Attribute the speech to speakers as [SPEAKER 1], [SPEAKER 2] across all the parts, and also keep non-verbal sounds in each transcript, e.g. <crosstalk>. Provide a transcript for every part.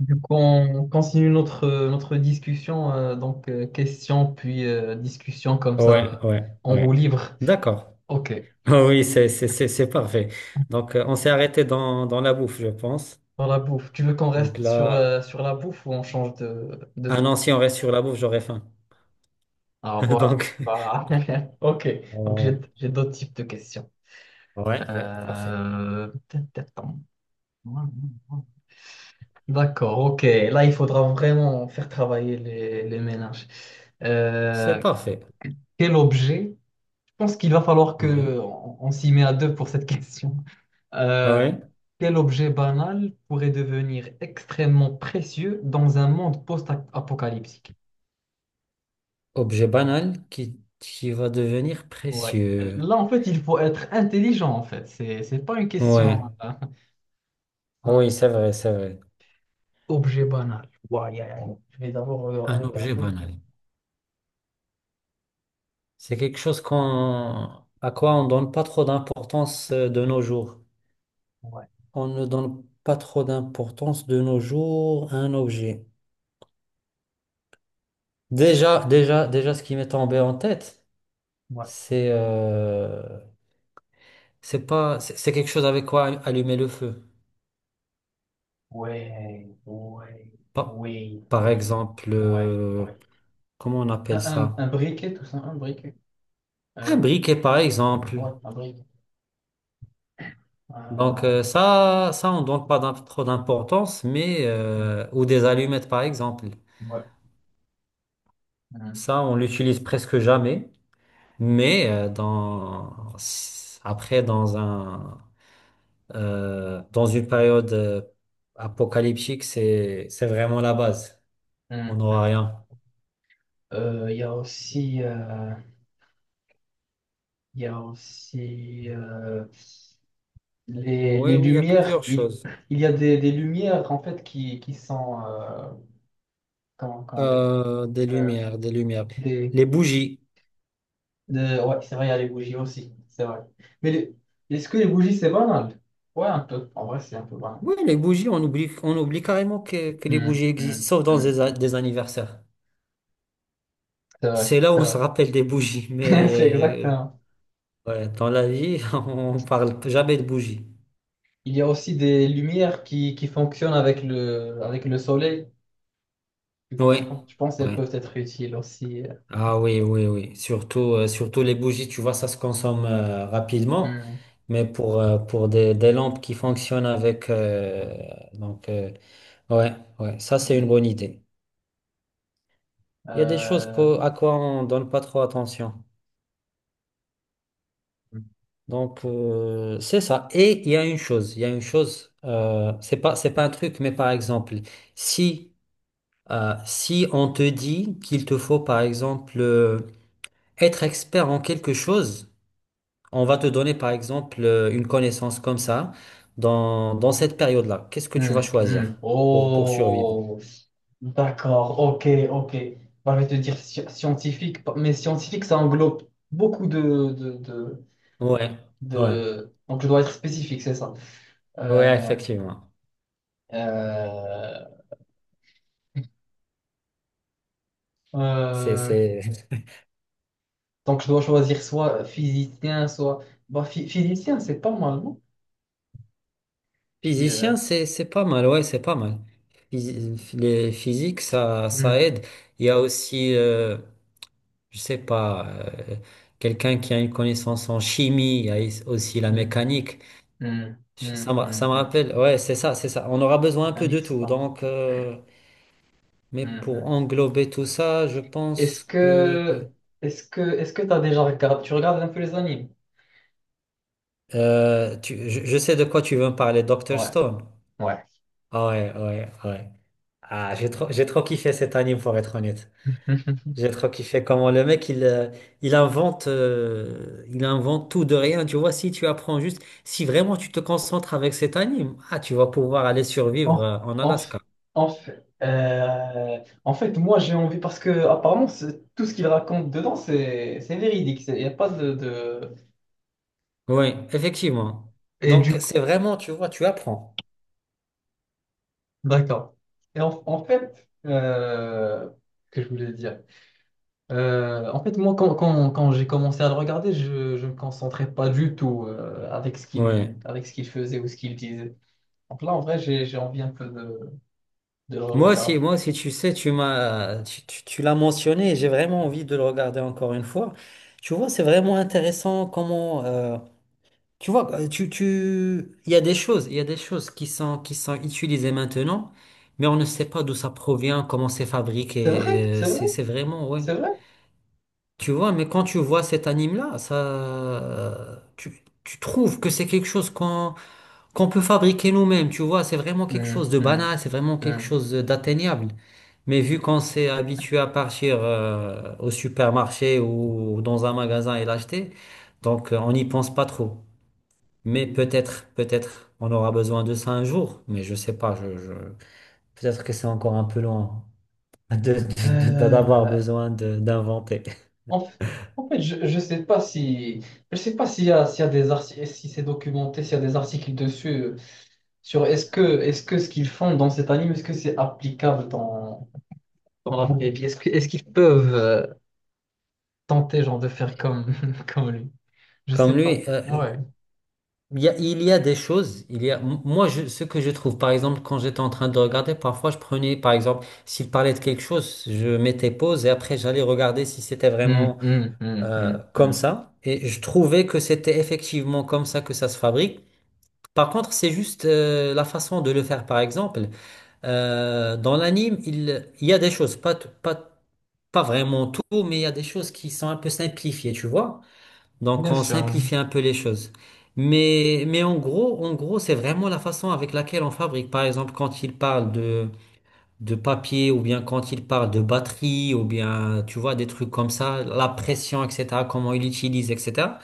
[SPEAKER 1] Du coup, on continue notre discussion, donc question puis discussion comme
[SPEAKER 2] Ouais,
[SPEAKER 1] ça,
[SPEAKER 2] ouais,
[SPEAKER 1] en roue
[SPEAKER 2] ouais.
[SPEAKER 1] libre.
[SPEAKER 2] D'accord. <laughs>
[SPEAKER 1] Ok,
[SPEAKER 2] Oui, c'est parfait. Donc, on s'est arrêté dans la bouffe, je pense.
[SPEAKER 1] pour la bouffe. Tu veux qu'on
[SPEAKER 2] Donc
[SPEAKER 1] reste sur,
[SPEAKER 2] là,
[SPEAKER 1] euh, sur la bouffe ou on change de
[SPEAKER 2] ah
[SPEAKER 1] thème?
[SPEAKER 2] non, si on reste sur la bouffe, j'aurais faim.
[SPEAKER 1] Ah voilà.
[SPEAKER 2] <laughs> Donc,
[SPEAKER 1] Voilà. <laughs> Ok, donc j'ai
[SPEAKER 2] on-
[SPEAKER 1] j'ai d'autres types de questions.
[SPEAKER 2] ouais, ouais, parfait.
[SPEAKER 1] Euh, D'accord, ok. Là, il faudra vraiment faire travailler les ménages.
[SPEAKER 2] C'est
[SPEAKER 1] Euh,
[SPEAKER 2] parfait.
[SPEAKER 1] Quel objet? Je pense qu'il va falloir que
[SPEAKER 2] Ouais.
[SPEAKER 1] on s'y met à deux pour cette question.
[SPEAKER 2] Ah
[SPEAKER 1] Euh,
[SPEAKER 2] ouais.
[SPEAKER 1] Quel objet banal pourrait devenir extrêmement précieux dans un monde post-apocalyptique?
[SPEAKER 2] Objet banal qui va devenir
[SPEAKER 1] Ouais.
[SPEAKER 2] précieux.
[SPEAKER 1] Là, en fait, il faut être intelligent, en fait. C'est pas une
[SPEAKER 2] Ouais.
[SPEAKER 1] question
[SPEAKER 2] Ah oui,
[SPEAKER 1] simple.
[SPEAKER 2] c'est vrai, c'est vrai.
[SPEAKER 1] Objet banal. Ouais, ouais, ouais. Je vais d'abord
[SPEAKER 2] Un
[SPEAKER 1] regarder
[SPEAKER 2] objet
[SPEAKER 1] autour.
[SPEAKER 2] banal. C'est quelque chose à quoi on donne pas trop d'importance de nos jours.
[SPEAKER 1] Ouais,
[SPEAKER 2] On ne donne pas trop d'importance de nos jours à un objet. Déjà, ce qui m'est tombé en tête,
[SPEAKER 1] ouais,
[SPEAKER 2] c'est euh, c'est pas, c'est quelque chose avec quoi allumer le feu.
[SPEAKER 1] ouais, ouais,
[SPEAKER 2] Par,
[SPEAKER 1] oui,
[SPEAKER 2] par
[SPEAKER 1] oui,
[SPEAKER 2] exemple,
[SPEAKER 1] ouais, ouais.
[SPEAKER 2] comment on
[SPEAKER 1] Un,
[SPEAKER 2] appelle
[SPEAKER 1] un,
[SPEAKER 2] ça?
[SPEAKER 1] un briquet, tout ça, un briquet.
[SPEAKER 2] Un
[SPEAKER 1] Euh,
[SPEAKER 2] briquet, par exemple.
[SPEAKER 1] ouais, un briquet.
[SPEAKER 2] Donc
[SPEAKER 1] Ah,
[SPEAKER 2] ça, on donne pas trop d'importance, mais
[SPEAKER 1] ouais.
[SPEAKER 2] ou des allumettes, par exemple.
[SPEAKER 1] Hmm, ouais. Hmm,
[SPEAKER 2] Ça, on l'utilise presque jamais, mais dans un dans une période apocalyptique, c'est vraiment la base.
[SPEAKER 1] hmm,
[SPEAKER 2] On
[SPEAKER 1] hmm.
[SPEAKER 2] n'aura rien.
[SPEAKER 1] Euh, Il y a aussi. euh, Il y a aussi les,
[SPEAKER 2] Oui,
[SPEAKER 1] les
[SPEAKER 2] oui, il y a
[SPEAKER 1] lumières.
[SPEAKER 2] plusieurs
[SPEAKER 1] Il,
[SPEAKER 2] choses.
[SPEAKER 1] il y a des lumières en fait qui sont comment dire
[SPEAKER 2] Des
[SPEAKER 1] euh,
[SPEAKER 2] lumières, des lumières.
[SPEAKER 1] des,
[SPEAKER 2] Les bougies.
[SPEAKER 1] ouais, c'est vrai, il y a les bougies aussi, c'est vrai. Mais est-ce que les bougies c'est banal? Ouais, un peu. En vrai, c'est un peu banal.
[SPEAKER 2] Oui, les bougies, on oublie carrément que les
[SPEAKER 1] Hmm,
[SPEAKER 2] bougies
[SPEAKER 1] hmm,
[SPEAKER 2] existent, sauf dans
[SPEAKER 1] hmm.
[SPEAKER 2] des anniversaires.
[SPEAKER 1] C'est vrai,
[SPEAKER 2] C'est là où
[SPEAKER 1] c'est
[SPEAKER 2] on se
[SPEAKER 1] vrai.
[SPEAKER 2] rappelle des bougies,
[SPEAKER 1] <laughs> C'est
[SPEAKER 2] mais
[SPEAKER 1] exactement.
[SPEAKER 2] ouais, dans la vie, <laughs> on parle jamais de bougies.
[SPEAKER 1] Il y a aussi des lumières qui fonctionnent avec le soleil. Du coup,
[SPEAKER 2] Oui,
[SPEAKER 1] je pense qu'elles
[SPEAKER 2] oui.
[SPEAKER 1] peuvent être utiles aussi.
[SPEAKER 2] Ah oui, oui, oui. Surtout, surtout les bougies, tu vois, ça se consomme rapidement.
[SPEAKER 1] Hmm,
[SPEAKER 2] Mais pour des lampes qui fonctionnent avec... donc, euh, ouais, ouais, ça c'est
[SPEAKER 1] hmm.
[SPEAKER 2] une bonne idée. Il y a des choses
[SPEAKER 1] Euh,
[SPEAKER 2] à quoi on donne pas trop attention. Donc, c'est ça. Et il y a une chose, il y a une chose, c'est pas un truc, mais par exemple, si, si on te dit qu'il te faut, par exemple, être expert en quelque chose. On va te donner par exemple une connaissance comme ça dans cette période-là. Qu'est-ce que tu vas
[SPEAKER 1] Hmm, hmm.
[SPEAKER 2] choisir pour survivre?
[SPEAKER 1] Oh, d'accord, ok, ok. Bah, je vais te dire scientifique, mais scientifique, ça englobe beaucoup de, de, de,
[SPEAKER 2] Ouais, ouais,
[SPEAKER 1] de- Donc, je dois être spécifique, c'est ça.
[SPEAKER 2] ouais,
[SPEAKER 1] Euh,
[SPEAKER 2] effectivement.
[SPEAKER 1] euh,
[SPEAKER 2] C'est,
[SPEAKER 1] euh,
[SPEAKER 2] c'est... <laughs>
[SPEAKER 1] donc, je dois choisir soit physicien, soit... Bah, physicien, c'est pas mal, non? Phy- euh,
[SPEAKER 2] Physicien, c'est pas mal, ouais, c'est pas mal. Les physiques, ça
[SPEAKER 1] hmm,
[SPEAKER 2] aide. Il y a aussi, je sais pas, quelqu'un qui a une connaissance en chimie, il y a aussi la
[SPEAKER 1] hmm,
[SPEAKER 2] mécanique.
[SPEAKER 1] hmm, hmm, hmm,
[SPEAKER 2] Ça me
[SPEAKER 1] hmm.
[SPEAKER 2] rappelle, ouais, c'est ça, c'est ça. On aura besoin un peu de
[SPEAKER 1] Mécanique, c'est
[SPEAKER 2] tout.
[SPEAKER 1] pas mal.
[SPEAKER 2] Donc, mais
[SPEAKER 1] Hmm,
[SPEAKER 2] pour
[SPEAKER 1] hmm.
[SPEAKER 2] englober tout ça, je
[SPEAKER 1] Est-ce
[SPEAKER 2] pense que
[SPEAKER 1] que... Est-ce que t'as déjà regardé... Tu regardes un peu les animes?
[SPEAKER 2] je sais de quoi tu veux me parler, Dr.
[SPEAKER 1] Ouais.
[SPEAKER 2] Stone.
[SPEAKER 1] Ouais.
[SPEAKER 2] Ah ouais, ouais, ouais. Ah, j'ai trop kiffé cet anime pour être honnête.
[SPEAKER 1] <laughs>
[SPEAKER 2] J'ai trop kiffé comment le mec il invente tout de rien. Tu vois, si tu apprends juste, si vraiment tu te concentres avec cet anime, ah, tu vas pouvoir aller survivre
[SPEAKER 1] En,
[SPEAKER 2] en
[SPEAKER 1] en, f-
[SPEAKER 2] Alaska.
[SPEAKER 1] en fait, moi j'ai envie parce que apparemment tout ce qu'il raconte dedans c'est véridique. Il n'y a pas de.
[SPEAKER 2] Oui, effectivement.
[SPEAKER 1] Et
[SPEAKER 2] Donc
[SPEAKER 1] du coup,
[SPEAKER 2] c'est vraiment, tu vois, tu apprends.
[SPEAKER 1] d'accord. Et en fait, que je voulais dire. En fait, moi quand j'ai commencé à le regarder, je me concentrais pas du tout avec ce
[SPEAKER 2] Oui.
[SPEAKER 1] qu'il avec ce qu'il faisait ou ce qu'il disait. Donc là, en vrai, j'ai envie un peu de le regarder.
[SPEAKER 2] Moi aussi, tu sais, tu m'as, tu- tu l'as mentionné et j'ai vraiment envie de le regarder encore une fois. Tu vois, c'est vraiment intéressant comment, il y a des choses, il y a des choses qui sont utilisées maintenant, mais on ne sait pas d'où ça provient, comment c'est
[SPEAKER 1] C'est vrai,
[SPEAKER 2] fabriqué.
[SPEAKER 1] c'est vrai,
[SPEAKER 2] C'est vraiment, ouais.
[SPEAKER 1] c'est vrai.
[SPEAKER 2] Tu vois, mais quand tu vois cet anime-là, tu trouves que c'est quelque chose qu'on peut fabriquer nous-mêmes, tu vois, c'est vraiment quelque
[SPEAKER 1] Hmm,
[SPEAKER 2] chose de
[SPEAKER 1] hmm,
[SPEAKER 2] banal, c'est vraiment quelque
[SPEAKER 1] hmm.
[SPEAKER 2] chose d'atteignable. Mais vu qu'on s'est habitué à partir au supermarché ou dans un magasin et l'acheter, donc on n'y pense pas trop. Mais peut-être, peut-être, on aura besoin de ça un jour, mais je sais pas, je- peut-être que c'est encore un peu loin d'avoir
[SPEAKER 1] Euh,
[SPEAKER 2] besoin d'inventer.
[SPEAKER 1] en, f- en fait, je ne sais pas si je sais pas s'il y a des articles, si c'est documenté, s'il y a des articles dessus sur est-ce que ce qu'ils font dans cet anime, est-ce que c'est applicable dans la vraie vie? Est-ce qu'ils peuvent tenter genre de faire comme <laughs> comme lui? Je
[SPEAKER 2] Comme
[SPEAKER 1] sais
[SPEAKER 2] lui,
[SPEAKER 1] pas. Ouais.
[SPEAKER 2] il y a, il y a des choses, il y a, m- moi, je, ce que je trouve, par exemple, quand j'étais en train de regarder, parfois, je prenais, par exemple, s'il parlait de quelque chose, je mettais pause et après, j'allais regarder si c'était
[SPEAKER 1] Hmm,
[SPEAKER 2] vraiment
[SPEAKER 1] hmm, hmm, hmm, hmm.
[SPEAKER 2] comme ça. Et je trouvais que c'était effectivement comme ça que ça se fabrique. Par contre, c'est juste la façon de le faire, par exemple. Dans l'anime, il y a des choses, pas, t- pas, pas vraiment tout, mais il y a des choses qui sont un peu simplifiées, tu vois. Donc,
[SPEAKER 1] Bien
[SPEAKER 2] on
[SPEAKER 1] sûr.
[SPEAKER 2] simplifie un peu les choses. Mais en gros, c'est vraiment la façon avec laquelle on fabrique. Par exemple, quand il parle de papier, ou bien quand il parle de batterie, ou bien, tu vois, des trucs comme ça, la pression, etc., comment il utilise, etc.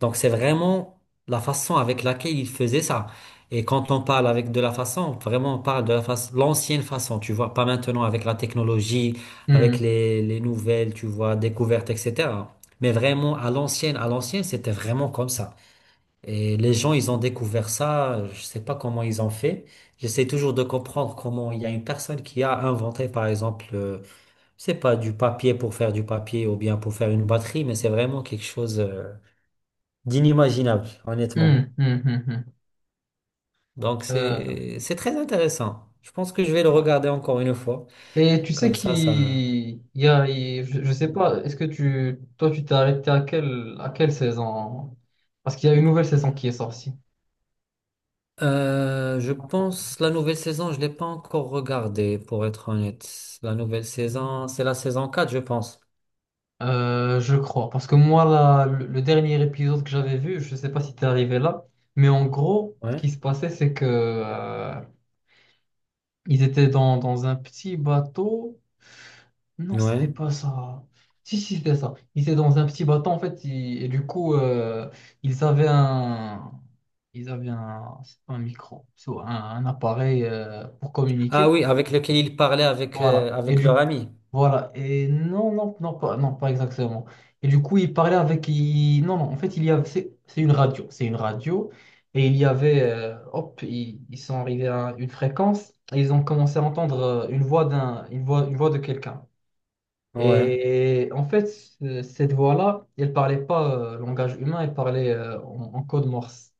[SPEAKER 2] Donc, c'est vraiment la façon avec laquelle il faisait ça. Et quand on parle avec de la façon, vraiment, on parle de la façon, l'ancienne façon, tu vois, pas maintenant avec la technologie, avec
[SPEAKER 1] Hmm,
[SPEAKER 2] les nouvelles, tu vois, découvertes, etc. Mais vraiment, à l'ancienne, c'était vraiment comme ça. Et les gens, ils ont découvert ça, je sais pas comment ils ont fait. J'essaie toujours de comprendre comment il y a une personne qui a inventé, par exemple, je sais pas, du papier pour faire du papier ou bien pour faire une batterie, mais c'est vraiment quelque chose, d'inimaginable, honnêtement.
[SPEAKER 1] hmm, hmm, hmm, hmm.
[SPEAKER 2] Donc
[SPEAKER 1] Euh,
[SPEAKER 2] c'est très intéressant. Je pense que je vais le regarder encore une fois.
[SPEAKER 1] Et tu sais
[SPEAKER 2] Comme
[SPEAKER 1] qu'il
[SPEAKER 2] ça...
[SPEAKER 1] il y a, il- je sais pas, est-ce que toi, tu t'es arrêté à quelle saison? Parce qu'il y a une nouvelle saison qui est sortie.
[SPEAKER 2] Je
[SPEAKER 1] Encore.
[SPEAKER 2] pense la nouvelle saison, je l'ai pas encore regardée, pour être honnête. La nouvelle saison, c'est la saison 4, je pense.
[SPEAKER 1] Je crois. Parce que moi, là, le dernier épisode que j'avais vu, je sais pas si t'es arrivé là, mais en gros, ce
[SPEAKER 2] Ouais.
[SPEAKER 1] qui se passait, c'est que, ils étaient dans un petit bateau. Non, c'était
[SPEAKER 2] Ouais.
[SPEAKER 1] pas ça. Si, si, c'était ça. Ils étaient dans un petit bateau, en fait, et du coup, ils avaient un. Ils avaient un micro, un appareil pour
[SPEAKER 2] Ah
[SPEAKER 1] communiquer.
[SPEAKER 2] oui, avec lequel ils parlaient avec,
[SPEAKER 1] Voilà. Et
[SPEAKER 2] avec leur
[SPEAKER 1] du
[SPEAKER 2] ami.
[SPEAKER 1] voilà. Et non, non, non, pas, non, pas exactement. Et du coup, ils parlaient avec. Non, non, en fait, il y avait. C'est une radio. C'est une radio. Et il y avait. Hop, ils sont arrivés à une fréquence. Et ils ont commencé à entendre une voix d'un, une voix de quelqu'un.
[SPEAKER 2] Ouais,
[SPEAKER 1] Et en fait, cette voix-là, elle parlait pas langage humain, elle parlait en code morse.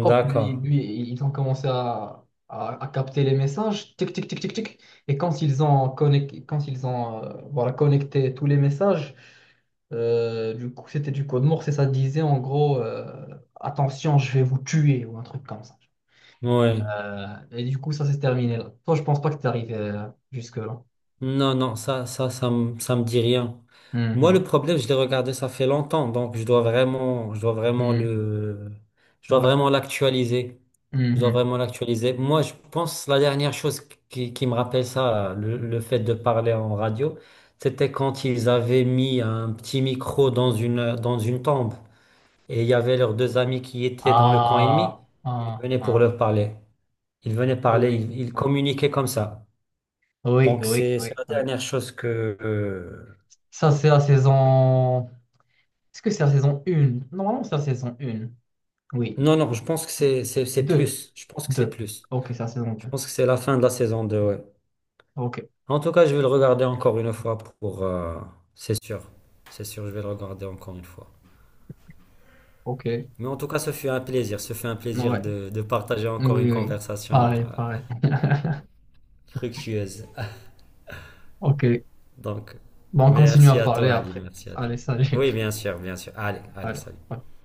[SPEAKER 1] Hop,
[SPEAKER 2] d'accord.
[SPEAKER 1] ils ont commencé à capter les messages, tic, tic, tic, tic, tic. Et quand quand ils ont voilà, connecté tous les messages, du coup, c'était du code morse et ça disait en gros, attention, je vais vous tuer ou un truc comme ça.
[SPEAKER 2] Ouais.
[SPEAKER 1] Euh, et du coup, ça s'est terminé là. Toi, je pense pas que t'es arrivé jusque-là.
[SPEAKER 2] Non, non, ça me dit rien. Moi,
[SPEAKER 1] Mhm.
[SPEAKER 2] le problème, je l'ai regardé, ça fait longtemps, donc je dois vraiment
[SPEAKER 1] Mhm.
[SPEAKER 2] je dois
[SPEAKER 1] Ouais.
[SPEAKER 2] vraiment l'actualiser. Je dois
[SPEAKER 1] Mhm.
[SPEAKER 2] vraiment l'actualiser. Moi, je pense la dernière chose qui me rappelle ça, le fait de parler en radio, c'était quand ils avaient mis un petit micro dans une tombe. Et il y avait leurs deux amis qui étaient dans le camp ennemi.
[SPEAKER 1] Ah,
[SPEAKER 2] Ils
[SPEAKER 1] ah,
[SPEAKER 2] venaient pour
[SPEAKER 1] ah.
[SPEAKER 2] leur parler. Ils venaient parler,
[SPEAKER 1] Oui.
[SPEAKER 2] ils
[SPEAKER 1] Oui,
[SPEAKER 2] communiquaient comme ça.
[SPEAKER 1] oui,
[SPEAKER 2] Donc
[SPEAKER 1] oui, oui.
[SPEAKER 2] c'est la
[SPEAKER 1] Oui.
[SPEAKER 2] dernière chose que...
[SPEAKER 1] Ça, c'est la saison. Est-ce que c'est la saison 1? Normalement, c'est la saison 1. Oui.
[SPEAKER 2] non, non, je pense que c'est
[SPEAKER 1] Deux.
[SPEAKER 2] plus. Je pense que c'est
[SPEAKER 1] Deux.
[SPEAKER 2] plus.
[SPEAKER 1] Ok, c'est la saison
[SPEAKER 2] Je
[SPEAKER 1] 2.
[SPEAKER 2] pense que c'est la fin de la saison 2. Ouais.
[SPEAKER 1] Ok.
[SPEAKER 2] En tout cas, je vais le regarder encore une fois pour... c'est sûr. C'est sûr, je vais le regarder encore une fois.
[SPEAKER 1] Ok.
[SPEAKER 2] Mais en tout cas, ce fut un plaisir. Ce fut un plaisir
[SPEAKER 1] Ouais.
[SPEAKER 2] de partager encore une
[SPEAKER 1] Oui, oui.
[SPEAKER 2] conversation
[SPEAKER 1] Pareil, pareil. <laughs>
[SPEAKER 2] fructueuse.
[SPEAKER 1] Ok.
[SPEAKER 2] Donc,
[SPEAKER 1] Bon, on continue à
[SPEAKER 2] merci à
[SPEAKER 1] parler
[SPEAKER 2] toi, Ali.
[SPEAKER 1] après.
[SPEAKER 2] Merci à toi.
[SPEAKER 1] Allez, salut.
[SPEAKER 2] Oui, bien sûr, bien sûr. Allez,
[SPEAKER 1] <laughs>
[SPEAKER 2] allez,
[SPEAKER 1] Allez.
[SPEAKER 2] salut.
[SPEAKER 1] Ouais.